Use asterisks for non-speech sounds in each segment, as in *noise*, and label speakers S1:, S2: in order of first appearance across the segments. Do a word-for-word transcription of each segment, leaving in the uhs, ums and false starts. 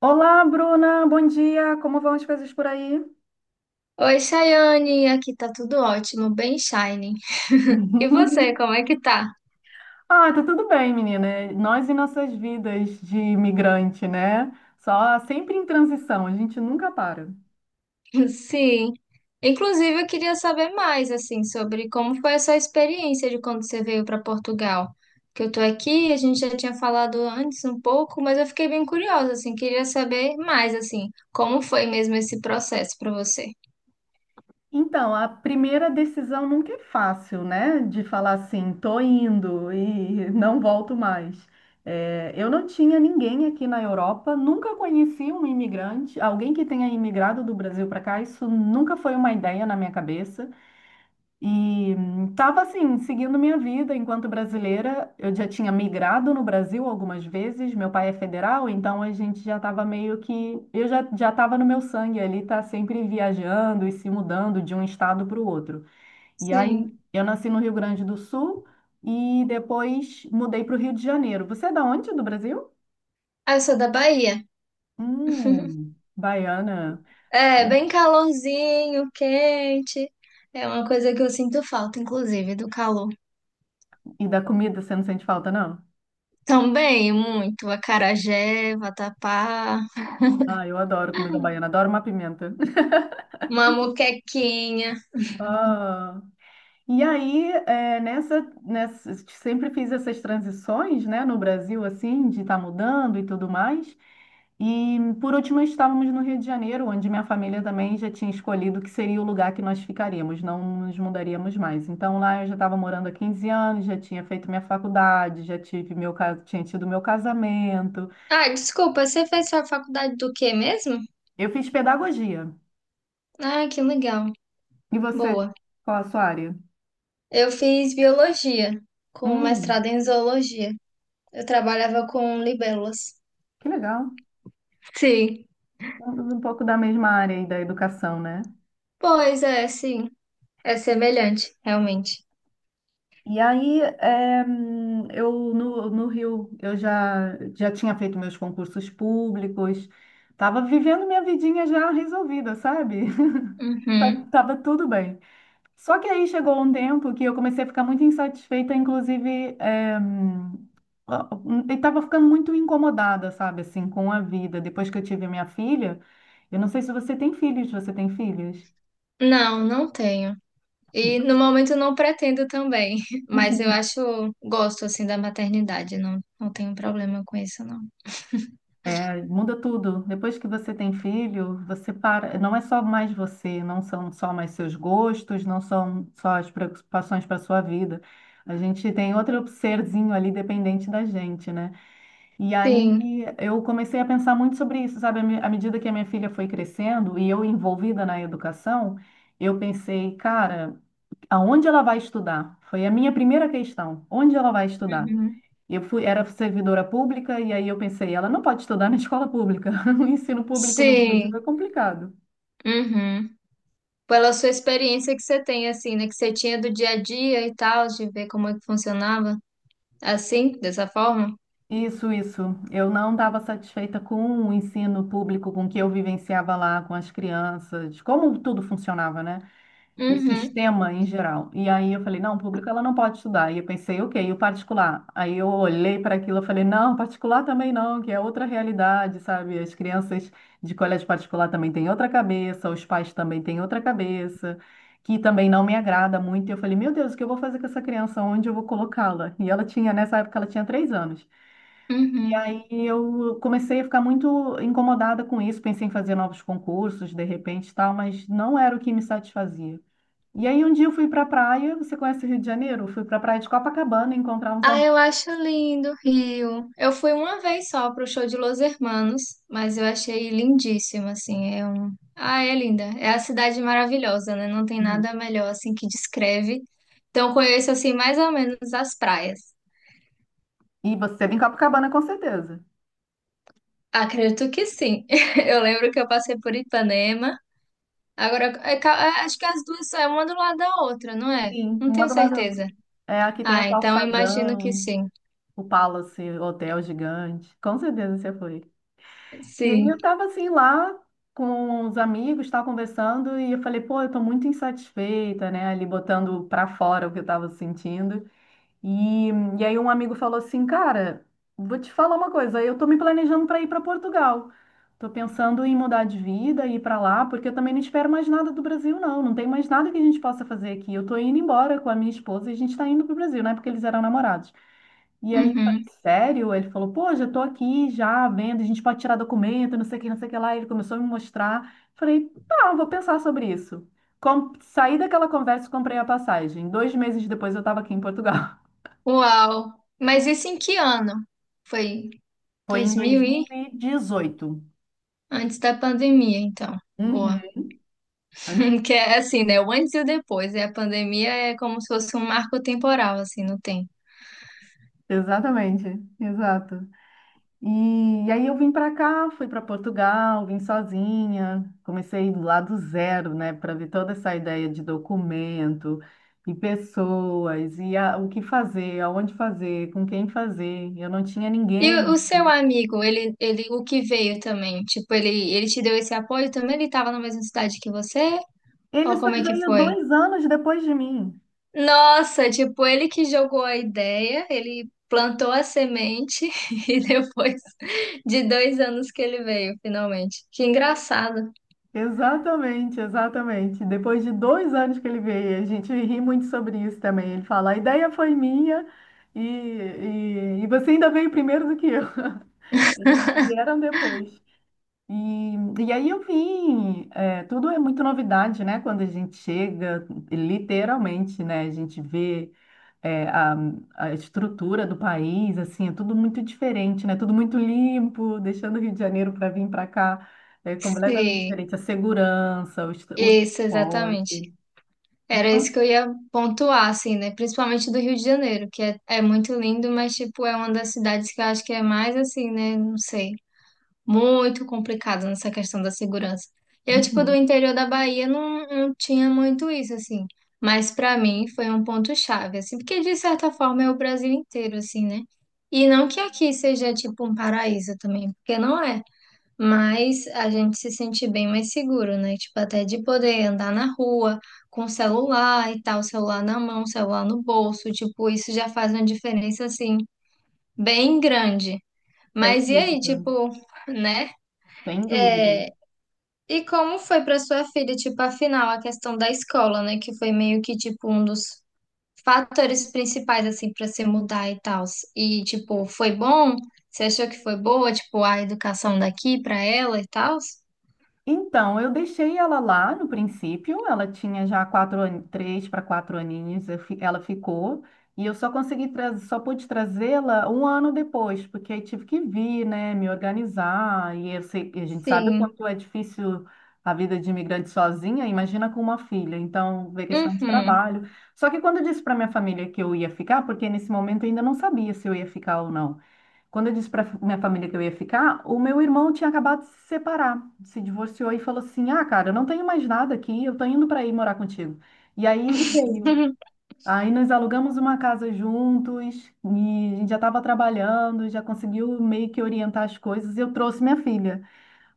S1: Olá, Bruna, bom dia. Como vão as coisas por aí?
S2: Oi, Chayane, aqui tá tudo ótimo, bem shining. E
S1: *laughs*
S2: você, como é que tá?
S1: Ah, tá tudo bem, menina. Nós e nossas vidas de imigrante, né? Só sempre em transição, a gente nunca para.
S2: *laughs* Sim. Inclusive, eu queria saber mais, assim, sobre como foi a sua experiência de quando você veio para Portugal. Que eu tô aqui, a gente já tinha falado antes um pouco, mas eu fiquei bem curiosa, assim, queria saber mais, assim, como foi mesmo esse processo para você.
S1: Então, a primeira decisão nunca é fácil, né? De falar assim, tô indo e não volto mais. É, eu não tinha ninguém aqui na Europa, nunca conheci um imigrante, alguém que tenha imigrado do Brasil para cá, isso nunca foi uma ideia na minha cabeça. E estava assim, seguindo minha vida enquanto brasileira. Eu já tinha migrado no Brasil algumas vezes. Meu pai é federal, então a gente já estava meio que. Eu já já estava no meu sangue ali, tá sempre viajando e se mudando de um estado para o outro. E aí
S2: Sim.
S1: eu nasci no Rio Grande do Sul e depois mudei para o Rio de Janeiro. Você é da onde do Brasil?
S2: Ah, eu sou da Bahia.
S1: Hum, baiana.
S2: É, bem calorzinho, quente. É uma coisa que eu sinto falta, inclusive, do calor.
S1: E da comida você não sente falta, não?
S2: Também, muito. Acarajé, vatapá,
S1: Ah, eu adoro comida baiana, adoro uma pimenta. *laughs*
S2: uma muquequinha.
S1: Ah. E aí, é, nessa, nessa, sempre fiz essas transições, né, no Brasil, assim, de estar mudando e tudo mais. E, por último, estávamos no Rio de Janeiro, onde minha família também já tinha escolhido que seria o lugar que nós ficaríamos, não nos mudaríamos mais. Então, lá eu já estava morando há quinze anos, já tinha feito minha faculdade, já tive meu, ca- tinha tido meu casamento.
S2: Ah, desculpa, você fez sua faculdade do quê mesmo?
S1: Eu fiz pedagogia.
S2: Ah, que legal.
S1: E você,
S2: Boa.
S1: qual a sua área?
S2: Eu fiz biologia, com mestrado
S1: Hum,
S2: em zoologia. Eu trabalhava com libélulas.
S1: que legal.
S2: Sim.
S1: Um pouco da mesma área aí da educação, né?
S2: Pois é, sim. É semelhante, realmente.
S1: E aí, eh, eu no, no Rio, eu já, já tinha feito meus concursos públicos, estava vivendo minha vidinha já resolvida, sabe? *laughs*
S2: Uhum.
S1: Tava tudo bem. Só que aí chegou um tempo que eu comecei a ficar muito insatisfeita, inclusive, eh, ó, eu estava ficando muito incomodada, sabe, assim, com a vida. Depois que eu tive minha filha, eu não sei se você tem filhos, você tem filhos?
S2: Não, não tenho. E no
S1: *laughs*
S2: momento não pretendo também, *laughs* mas eu acho, gosto assim da maternidade, não, não tenho problema com isso, não.
S1: É, muda tudo. Depois que você tem filho, você para. Não é só mais você, não são só mais seus gostos, não são só as preocupações para sua vida. A gente tem outro serzinho ali dependente da gente, né? E
S2: Sim.
S1: aí eu comecei a pensar muito sobre isso, sabe? À me- à medida que a minha filha foi crescendo e eu envolvida na educação, eu pensei, cara, aonde ela vai estudar? Foi a minha primeira questão. Onde ela vai estudar?
S2: Uhum.
S1: Eu fui, era servidora pública e aí eu pensei, ela não pode estudar na escola pública. *laughs* O ensino público no Brasil
S2: Sim.
S1: é complicado.
S2: Uhum. Pela sua experiência que você tem, assim, né? Que você tinha do dia a dia e tal, de ver como é que funcionava. Assim, dessa forma?
S1: Isso, isso. Eu não estava satisfeita com o ensino público, com o que eu vivenciava lá, com as crianças, como tudo funcionava, né? O
S2: Uhum.
S1: sistema em geral. E aí eu falei, não, o público ela não pode estudar. E eu pensei, ok, e o particular? Aí eu olhei para aquilo e falei, não, particular também não, que é outra realidade, sabe? As crianças de colégio particular também têm outra cabeça, os pais também têm outra cabeça, que também não me agrada muito. E eu falei, meu Deus, o que eu vou fazer com essa criança? Onde eu vou colocá-la? E ela tinha, nessa época, ela tinha três anos. E
S2: Uhum.
S1: aí eu comecei a ficar muito incomodada com isso, pensei em fazer novos concursos, de repente, e tal, mas não era o que me satisfazia. E aí um dia eu fui para a praia, você conhece o Rio de Janeiro? Eu fui para a praia de Copacabana encontrar uns
S2: Ah,
S1: amigos.
S2: eu acho lindo o Rio. Eu fui uma vez só pro show de Los Hermanos, mas eu achei lindíssimo, assim. É um... Ah, é linda. É a cidade maravilhosa, né? Não tem
S1: Uhum.
S2: nada melhor, assim, que descreve. Então, conheço, assim, mais ou menos as praias.
S1: E você esteve em Copacabana com certeza.
S2: Acredito que sim. *laughs* Eu lembro que eu passei por Ipanema. Agora, é ca- é, acho que as duas são uma do lado da outra, não é?
S1: Sim.
S2: Não
S1: Uma
S2: tenho
S1: do lado da outra.
S2: certeza.
S1: É, aqui tem o
S2: Ah, então eu imagino que
S1: Calçadão,
S2: sim.
S1: o Palace Hotel Gigante. Com certeza você foi. E aí
S2: Sim.
S1: eu tava assim lá com os amigos, tava conversando e eu falei, pô, eu tô muito insatisfeita, né? Ali botando pra fora o que eu tava sentindo. E, e aí um amigo falou assim, cara, vou te falar uma coisa, eu tô me planejando para ir para Portugal. Tô pensando em mudar de vida e ir para lá, porque eu também não espero mais nada do Brasil, não. Não tem mais nada que a gente possa fazer aqui. Eu tô indo embora com a minha esposa e a gente tá indo pro Brasil, né? Porque eles eram namorados. E aí, eu falei,
S2: Uhum.
S1: sério? Ele falou, pô, já tô aqui, já vendo, a gente pode tirar documento, não sei o que, não sei o que lá. Ele começou a me mostrar. Falei, tá, vou pensar sobre isso. Com... Saí daquela conversa e comprei a passagem. Dois meses depois eu tava aqui em Portugal.
S2: Uau! Mas isso em que ano? Foi
S1: Foi em
S2: dois mil e
S1: dois mil e dezoito.
S2: Antes da pandemia, então.
S1: Uhum,
S2: Boa.
S1: Antes-
S2: *laughs* Que é assim, né? O antes e o depois. E a pandemia é como se fosse um marco temporal, assim, não tem.
S1: exatamente, exato. E, aí eu vim para cá, fui para Portugal, vim sozinha, comecei lá do zero, né, para ver toda essa ideia de documento e pessoas e a- o que fazer, aonde fazer, com quem fazer. Eu não tinha
S2: E
S1: ninguém
S2: o o seu
S1: aqui.
S2: amigo, ele, ele, o que veio também? Tipo, ele, ele te deu esse apoio também? Ele estava na mesma cidade que você?
S1: Ele
S2: Ou
S1: só
S2: como é que
S1: veio
S2: foi?
S1: dois anos depois de mim.
S2: Nossa, tipo, ele que jogou a ideia, ele plantou a semente *laughs* e depois de dois anos que ele veio, finalmente. Que engraçado.
S1: Exatamente, exatamente. Depois de dois anos que ele veio, a gente ri muito sobre isso também. Ele fala, a ideia foi minha e, e, e você ainda veio primeiro do que eu. *laughs* Eles vieram depois. E, e aí eu vim, é, tudo é muito novidade, né? Quando a gente chega, literalmente, né? A gente vê é, a, a estrutura do país, assim, é tudo muito diferente, né? Tudo muito limpo, deixando o Rio de Janeiro para vir para cá é completamente
S2: Sim,
S1: diferente. A segurança, o, est- o
S2: isso, exatamente.
S1: transporte.
S2: Era isso que
S1: Então,
S2: eu ia pontuar, assim, né? Principalmente do Rio de Janeiro, que é, é muito lindo, mas, tipo, é uma das cidades que eu acho que é mais, assim, né? Não sei, muito complicado nessa questão da segurança. Eu, tipo, do
S1: uhum,
S2: interior da Bahia não, não tinha muito isso, assim. Mas pra mim foi um ponto-chave, assim, porque de certa forma é o Brasil inteiro, assim, né? E não que aqui seja, tipo, um paraíso também, porque não é. Mas a gente se sente bem mais seguro, né? Tipo, até de poder andar na rua com o celular e tal, celular na mão, celular no bolso, tipo, isso já faz uma diferença, assim, bem grande.
S1: sem
S2: Mas e aí,
S1: dúvida,
S2: tipo, né?
S1: sem dúvida.
S2: É, e como foi para sua filha, tipo, afinal, a questão da escola, né? Que foi meio que, tipo, um dos fatores principais, assim, para se mudar e tal. E, tipo, foi bom? Você achou que foi boa, tipo, a educação daqui para ela e tal?
S1: Então, eu deixei ela lá no princípio, ela tinha já quatro, an- três para quatro aninhos, eu fi- ela ficou, e eu só consegui trazer, só pude trazê-la um ano depois, porque aí tive que vir, né, me organizar, e eu sei- e a gente sabe o
S2: Sim.
S1: quanto é difícil a vida de imigrante sozinha, imagina com uma filha, então veio questão de
S2: Uhum.
S1: trabalho. Só que quando eu disse para minha família que eu ia ficar, porque nesse momento eu ainda não sabia se eu ia ficar ou não. Quando eu disse para minha família que eu ia ficar, o meu irmão tinha acabado de se separar, se divorciou e falou assim: Ah, cara, eu não tenho mais nada aqui, eu tô indo para ir morar contigo. E aí ele veio.
S2: *laughs*
S1: Aí nós alugamos uma casa juntos, e a gente já estava trabalhando, já conseguiu meio que orientar as coisas. E eu trouxe minha filha.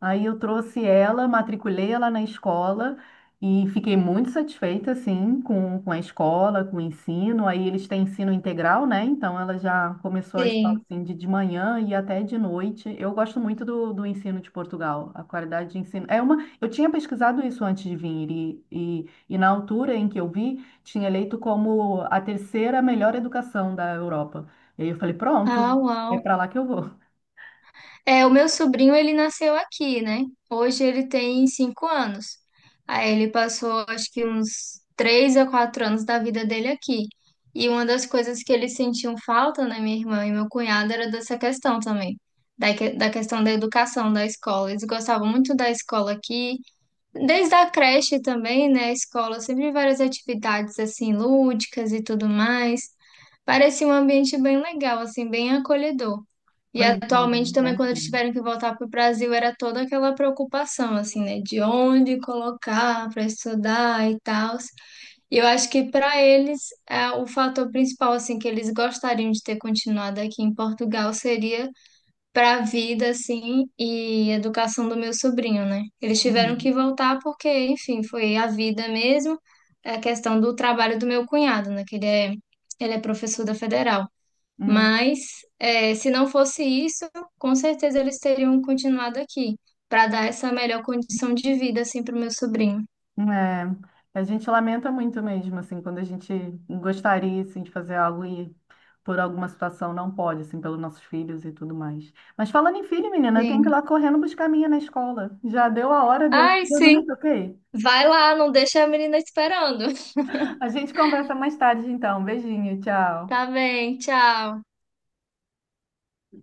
S1: Aí eu trouxe ela, matriculei ela na escola e fiquei muito satisfeita, assim, com, com a escola, com o ensino. Aí eles têm ensino integral, né? Então ela já começou a escola,
S2: Sim.
S1: assim, de, de manhã e até de noite. Eu gosto muito do, do ensino de Portugal, a qualidade de ensino. É uma... Eu tinha pesquisado isso antes de vir e, e, e na altura em que eu vi, tinha eleito como a terceira melhor educação da Europa. E aí eu falei,
S2: Ah,
S1: pronto, é
S2: uau.
S1: para lá que eu vou.
S2: É, o meu sobrinho, ele nasceu aqui, né? Hoje ele tem cinco anos. Aí ele passou, acho que uns três a quatro anos da vida dele aqui. E uma das coisas que eles sentiam falta, né, minha irmã e meu cunhado, era dessa questão também, da, que- da questão da educação, da escola. Eles gostavam muito da escola aqui, desde a creche também, né? A escola, sempre várias atividades assim lúdicas e tudo mais. Parecia um ambiente bem legal, assim, bem acolhedor. E
S1: Pois é,
S2: atualmente também,
S1: né?
S2: quando eles
S1: Uhum.
S2: tiveram que voltar para o Brasil, era toda aquela preocupação, assim, né? De onde colocar para estudar e tal. E eu acho que para eles, é, o fator principal, assim, que eles gostariam de ter continuado aqui em Portugal seria para a vida, assim, e educação do meu sobrinho, né? Eles tiveram que voltar porque, enfim, foi a vida mesmo, é a questão do trabalho do meu cunhado, né? Que ele é, ele é professor da federal.
S1: Uhum.
S2: Mas, eh, se não fosse isso, com certeza eles teriam continuado aqui, para dar essa melhor condição de vida, assim, para o meu sobrinho.
S1: É, a gente lamenta muito mesmo, assim, quando a gente gostaria, assim, de fazer algo e por alguma situação não pode, assim, pelos nossos filhos e tudo mais. Mas falando em filho, menina, tem que ir
S2: Sim.
S1: lá correndo buscar a minha na escola. Já deu a hora, deu,
S2: Ai,
S1: eu não me
S2: sim.
S1: toquei.
S2: Vai lá, não deixa a menina esperando. *laughs*
S1: *laughs* A gente conversa mais tarde, então. Beijinho, tchau.
S2: Tá bem, tchau.